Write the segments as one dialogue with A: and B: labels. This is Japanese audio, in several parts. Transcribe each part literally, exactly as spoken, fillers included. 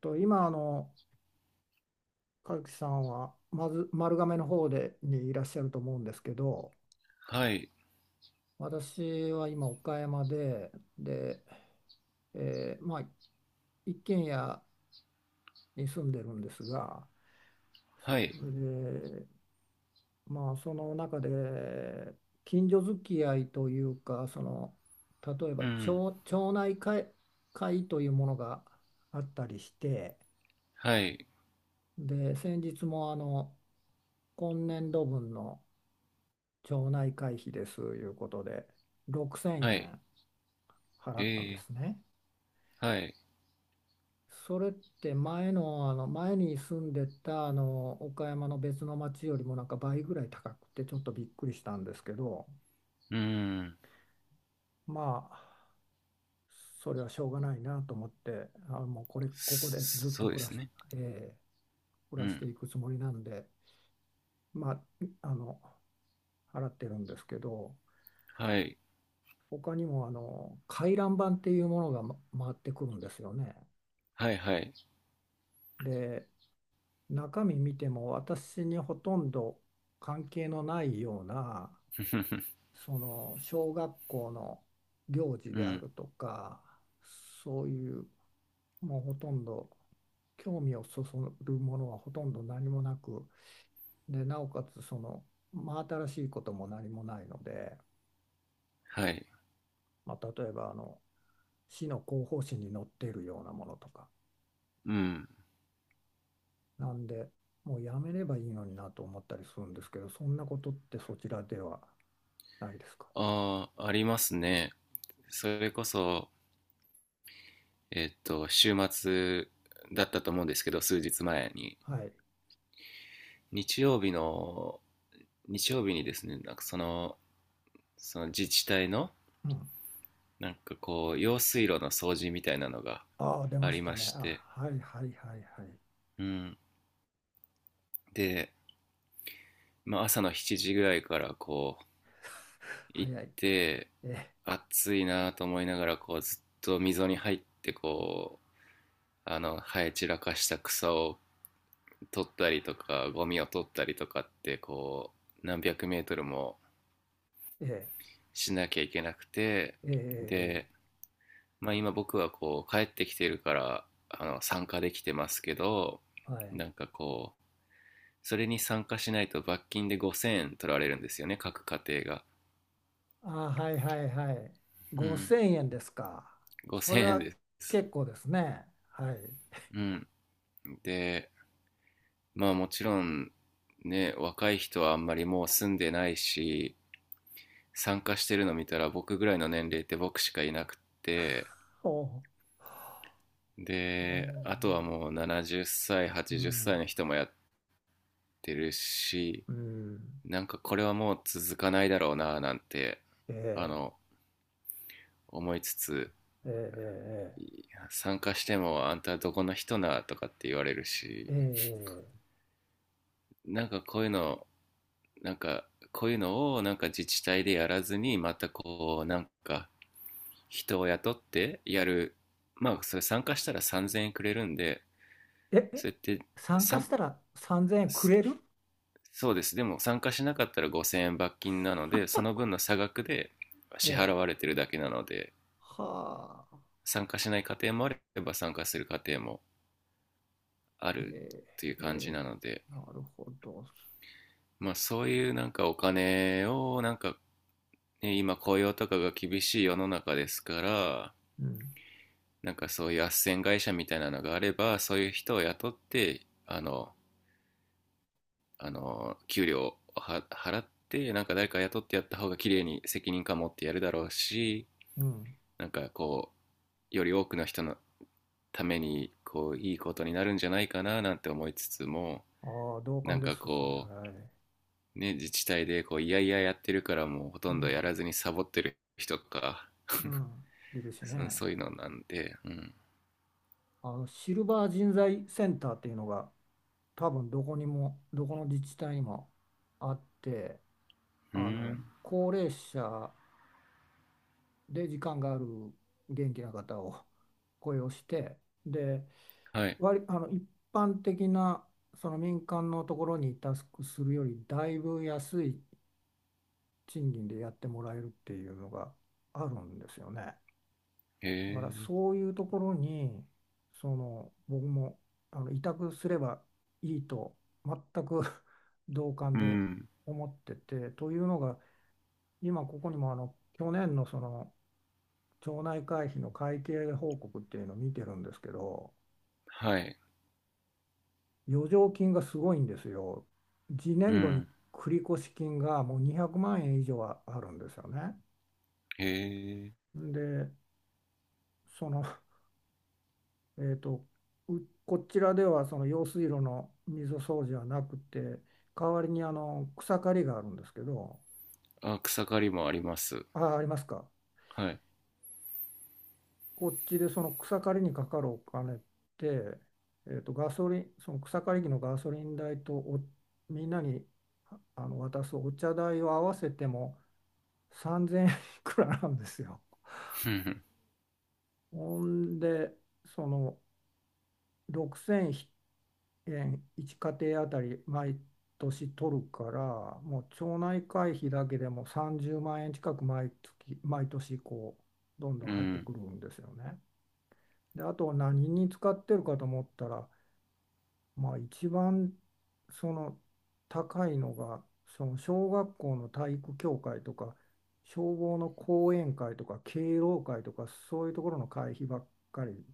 A: と今あの和樹さんはまず丸亀の方でにいらっしゃると思うんですけど、
B: はい、
A: 私は今岡山でで、えーまあ一軒家に住んでるんですが、
B: はい、
A: それでまあその中で近所付き合いというか、その例え
B: う
A: ば
B: ん、
A: 町、町内会、会というものがあったりして、
B: はい、
A: で先日もあの今年度分の町内会費ですいうことで6000
B: はい、
A: 円払ったんで
B: え
A: すね。
B: ー、はい、
A: それって前の、あの前に住んでたあの岡山の別の町よりもなんか倍ぐらい高くてちょっとびっくりしたんですけど、
B: うん、
A: まあそれはしょうがないなと思ってあもうこれここでずっ
B: そそ
A: と
B: うで
A: 暮ら
B: す
A: し、
B: ね。
A: えー暮
B: う
A: らして
B: ん、
A: いくつもりなんで、まああの払ってるんですけど、
B: はい、
A: 他にもあの回覧板っていうものがま回ってくるんですよね。
B: はい、はい、
A: で中身見ても、私にほとんど関係のないような、 その小学校の行事
B: う
A: であ
B: ん、
A: るとか、そういうもうほとんど興味をそそるものはほとんど何もなく、でなおかつその真新しいことも何もないので、
B: はい、
A: まあ、例えばあの市の広報誌に載っているようなものとか、
B: うん、
A: なんでもうやめればいいのになと思ったりするんですけど、そんなことってそちらではないですか？
B: ああ、ありますね。それこそ、えっと、週末だったと思うんですけど、数日前に。
A: はい。
B: 日曜日の、日曜日にですね、なんかその、その自治体の、
A: うん。
B: なんかこう、用水路の掃除みたいなのが
A: ああ、出
B: あ
A: まし
B: り
A: た
B: ま
A: ね。
B: し
A: あ、
B: て、
A: はいはいはいはい。
B: うん。で、まあ、朝のしちじぐらいからこう行っ
A: 早い。
B: て、
A: え、
B: 暑いなと思いながらこうずっと溝に入って、こうあの生え散らかした草を取ったりとか、ゴミを取ったりとかって、こう何百メートルも
A: え、
B: しなきゃいけなくて、
A: え、え、え、
B: で、まあ、今僕はこう帰ってきてるから、あの参加できてますけど、
A: えはい。
B: なんかこうそれに参加しないと罰金でごせんえん取られるんですよね、各家庭が。
A: ああ、はいはいはい。
B: うん、
A: ごせんえんですか？それ
B: ごせんえん
A: は
B: です。
A: 結構ですね。はい。
B: うん。で、まあもちろんね、若い人はあんまりもう住んでないし、参加してるの見たら僕ぐらいの年齢って僕しかいなくって、
A: おう。え
B: で、あと
A: ー、
B: はもうななじゅっさい、
A: う
B: はちじゅっさい
A: ん、
B: の人もやってるし、
A: うん、
B: なんかこれはもう続かないだろうななんて、あ
A: え
B: の、思いつつ、
A: ー、えー、
B: い参加してもあんたどこの人なとかって言われる
A: え
B: し、
A: ー、えー、
B: なんかこういうのなんかこういうのをなんか自治体でやらずに、またこうなんか人を雇ってやる。まあそれ参加したらさんぜんえんくれるんで、
A: えー、え、え、
B: それって、
A: 参
B: さ
A: 加し
B: ん
A: たらさんぜんえんくれる？
B: そうですでも参加しなかったらごせんえん罰金なので、その分の差額で
A: え
B: 支払
A: ー、
B: われてるだけなので、
A: はあ。
B: 参加しない家庭もあれば参加する家庭もあ
A: え
B: るっていう
A: ー
B: 感じ
A: え
B: なので、
A: ー、なるほど。
B: まあそういうなんかお金をなんか、ね、今雇用とかが厳しい世の中ですから、
A: うん。
B: なんかそういう斡旋会社みたいなのがあれば、そういう人を雇って、あのあの給料をは払って、なんか誰か雇ってやった方が綺麗に責任感持ってやるだろうし、
A: うん。
B: なんかこうより多くの人のためにこういいことになるんじゃないかななんて思いつつも、
A: ああ、同
B: な
A: 感
B: ん
A: で
B: か
A: す、それ。
B: こ
A: はい。
B: うね、自治体でこういやいややってるから、もうほ
A: う
B: とんど
A: ん。
B: やらずにサボってる人とか、
A: うん。いるし
B: そ
A: ね。
B: そういうのなんで、うん。
A: あの、シルバー人材センターっていうのが、多分どこにも、どこの自治体にもあって、
B: う
A: あの、
B: ん。
A: 高齢者で時間がある元気な方を 雇用して、で、
B: はい。
A: 割、あの、一般的な、その民間のところにタスクするより、だいぶ安い賃金でやってもらえるっていうのがあるんですよね。
B: へ
A: だから
B: え。
A: そういうところに、その僕もあの委託すればいいと全く 同感
B: う
A: で
B: ん。
A: 思っててというのが、今ここにもあの去年のその町内会費の会計報告っていうのを見てるんですけど、
B: はい。
A: 余剰金がすごいんですよ。次
B: う
A: 年度に
B: ん。
A: 繰越金がもうにひゃくまん円以上はあるんですよね。
B: へえ。
A: で、そのえーと、うこちらではその用水路の溝掃除はなくて、代わりにあの草刈りがあるんですけど、
B: あ、草刈りもあります。
A: あ、ありますか？
B: はい。
A: こっちでその草刈りにかかるお金って、えーと、ガソリン、その草刈り機のガソリン代とおみんなにああの渡すお茶代を合わせてもさんぜんえんいくらなんですよ。
B: ふんふん。
A: ほんで、そのろっぴゃくえんいっ家庭あたり毎年取るから、もう町内会費だけでもさんじゅうまん円近く毎月、毎年こう、どんど
B: う
A: ん入って
B: ん。
A: くるんですよね。で、あと何に使ってるかと思ったら、まあ一番その高いのが、その小学校の体育協会とか、消防の講演会とか、敬老会とか、そういうところの会費ばっかり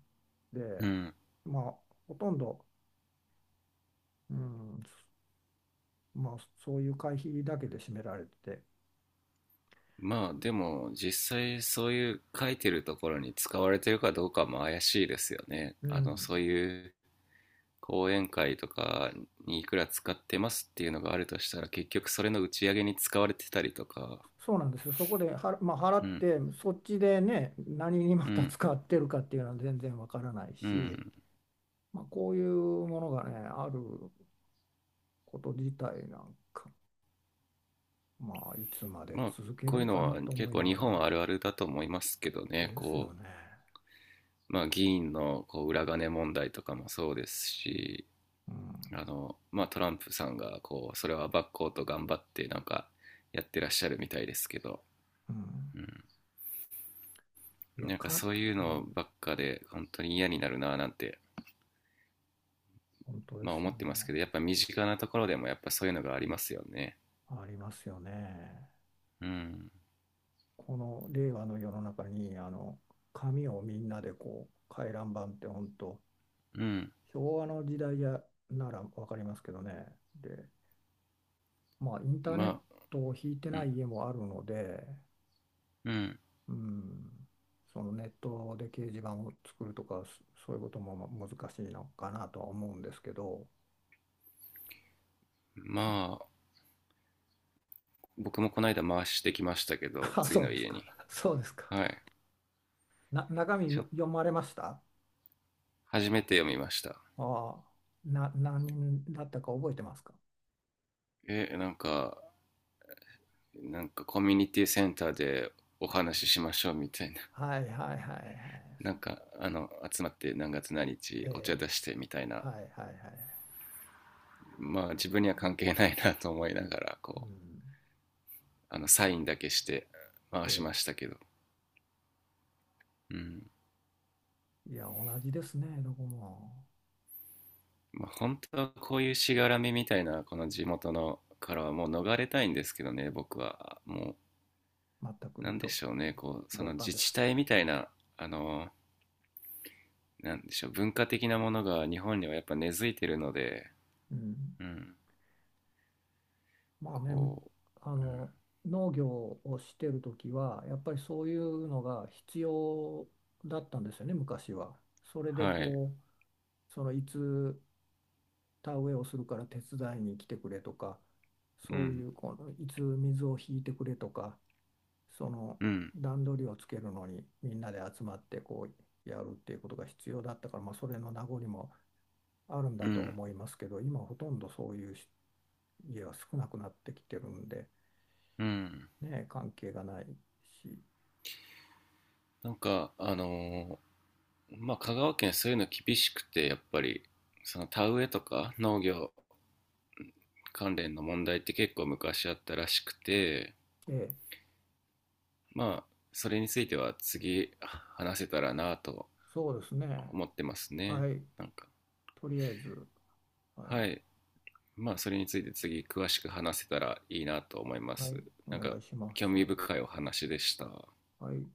A: で、
B: うん。
A: まあほとんど、うん、まあ、そういう会費だけで占められて、
B: まあ、でも、実際そういう書いてるところに使われてるかどうかも怪しいですよね。
A: う
B: あの、そう
A: ん、
B: いう講演会とかにいくら使ってますっていうのがあるとしたら、結局それの打ち上げに使われてたりとか。
A: そうなんですよ、そこでは、まあ、払
B: う
A: っ
B: ん。
A: て、そっちでね、何にま
B: う
A: た
B: ん。
A: 使ってるかっていうのは全然わからない
B: う
A: し、
B: ん。
A: まあ、こういうものがね、あること自体なんか、まあ、いつまで
B: まあ、
A: 続け
B: こ
A: る
B: ういう
A: ん
B: の
A: かな
B: は
A: と
B: 結
A: 思い
B: 構
A: な
B: 日
A: がらね、
B: 本あるあるだと思いますけどね。
A: ですよ
B: こ
A: ね。
B: う、まあ、議員のこう裏金問題とかもそうですし、
A: うん、
B: あの、まあ、トランプさんがこうそれはバッこうと頑張ってなんかやってらっしゃるみたいですけど、
A: うん、
B: うん、
A: いや、
B: なんか
A: か、
B: そういう
A: う
B: の
A: ん、
B: ばっかで本当に嫌になるななんて、
A: 本当で
B: まあ、
A: す
B: 思
A: よ
B: ってますけど、
A: ね。
B: やっぱ身近なところでもやっぱそういうのがありますよね。
A: ありますよね。
B: うん、
A: この令和の世の中にあの紙をみんなでこう回覧板って、本当
B: うん、
A: 昭和の時代やなら分かりますけどね。で、まあインターネッ
B: まあ、
A: トを引いて
B: う
A: な
B: ん、
A: い家もあるので、
B: うん、
A: うん、そのネットで掲示板を作るとか、そそういうことも難しいのかなとは思うんですけど、そ
B: まあ僕もこの間回してきましたけど、
A: あ、
B: 次
A: そう
B: の
A: です
B: 家
A: か。
B: に。
A: そうですか。
B: はい、
A: な中
B: ち
A: 身
B: ょ
A: 読まれました？
B: 初めて読みました。
A: ああ、な何人だったか覚えてますか？
B: えなんかなんかコミュニティセンターでお話ししましょうみたいな、
A: はいはいはいは
B: なん
A: い。
B: かあの集まって何月何
A: え
B: 日お茶
A: え、
B: 出してみたいな、
A: はいはいはい。
B: まあ自分には関係ないなと思いながら、
A: う
B: こ
A: ん、
B: うあのサインだけして回し
A: え
B: ましたけど、うん。
A: え、いや、同じですね、どこも。
B: まあ、本当はこういうしがらみみたいな、この地元のからはもう逃れたいんですけどね、僕はも、
A: 全
B: うな
A: く
B: んで
A: ど
B: しょうね、こうそ
A: 同
B: の
A: 感
B: 自
A: で
B: 治
A: す。
B: 体みたいな、あのなんでしょう文化的なものが日本にはやっぱ根付いてるので、
A: うん、
B: うん、
A: まあね、む
B: こ
A: あ
B: う、うん、
A: の、農業をしてるときは、やっぱりそういうのが必要だったんですよね、昔は。それで
B: はい、
A: こう、そのいつ田植えをするから手伝いに来てくれとか、
B: う
A: そうい
B: ん、
A: うこのいつ水を引いてくれとか、その
B: うん、
A: 段取りをつけるのにみんなで集まってこうやるっていうことが必要だったから、まあ、それの名残もあるん
B: う
A: だと
B: ん、
A: 思いますけど、今ほとんどそういう家は少なくなってきてるんで、
B: うん、
A: ね、関係がないし、
B: なんか、あのーまあ、香川県そういうの厳しくて、やっぱり、その田植えとか農業関連の問題って結構昔あったらしくて、
A: ええ、
B: まあ、それについては次話せたらなと
A: そうですね。
B: 思ってますね。
A: はい、
B: なんか、
A: とりあえず、はい、
B: はい。まあ、それについて次詳しく話せたらいいなと思いま
A: は
B: す。
A: い、お
B: なんか、
A: 願いしま
B: 興
A: す。
B: 味深いお話でした。
A: はい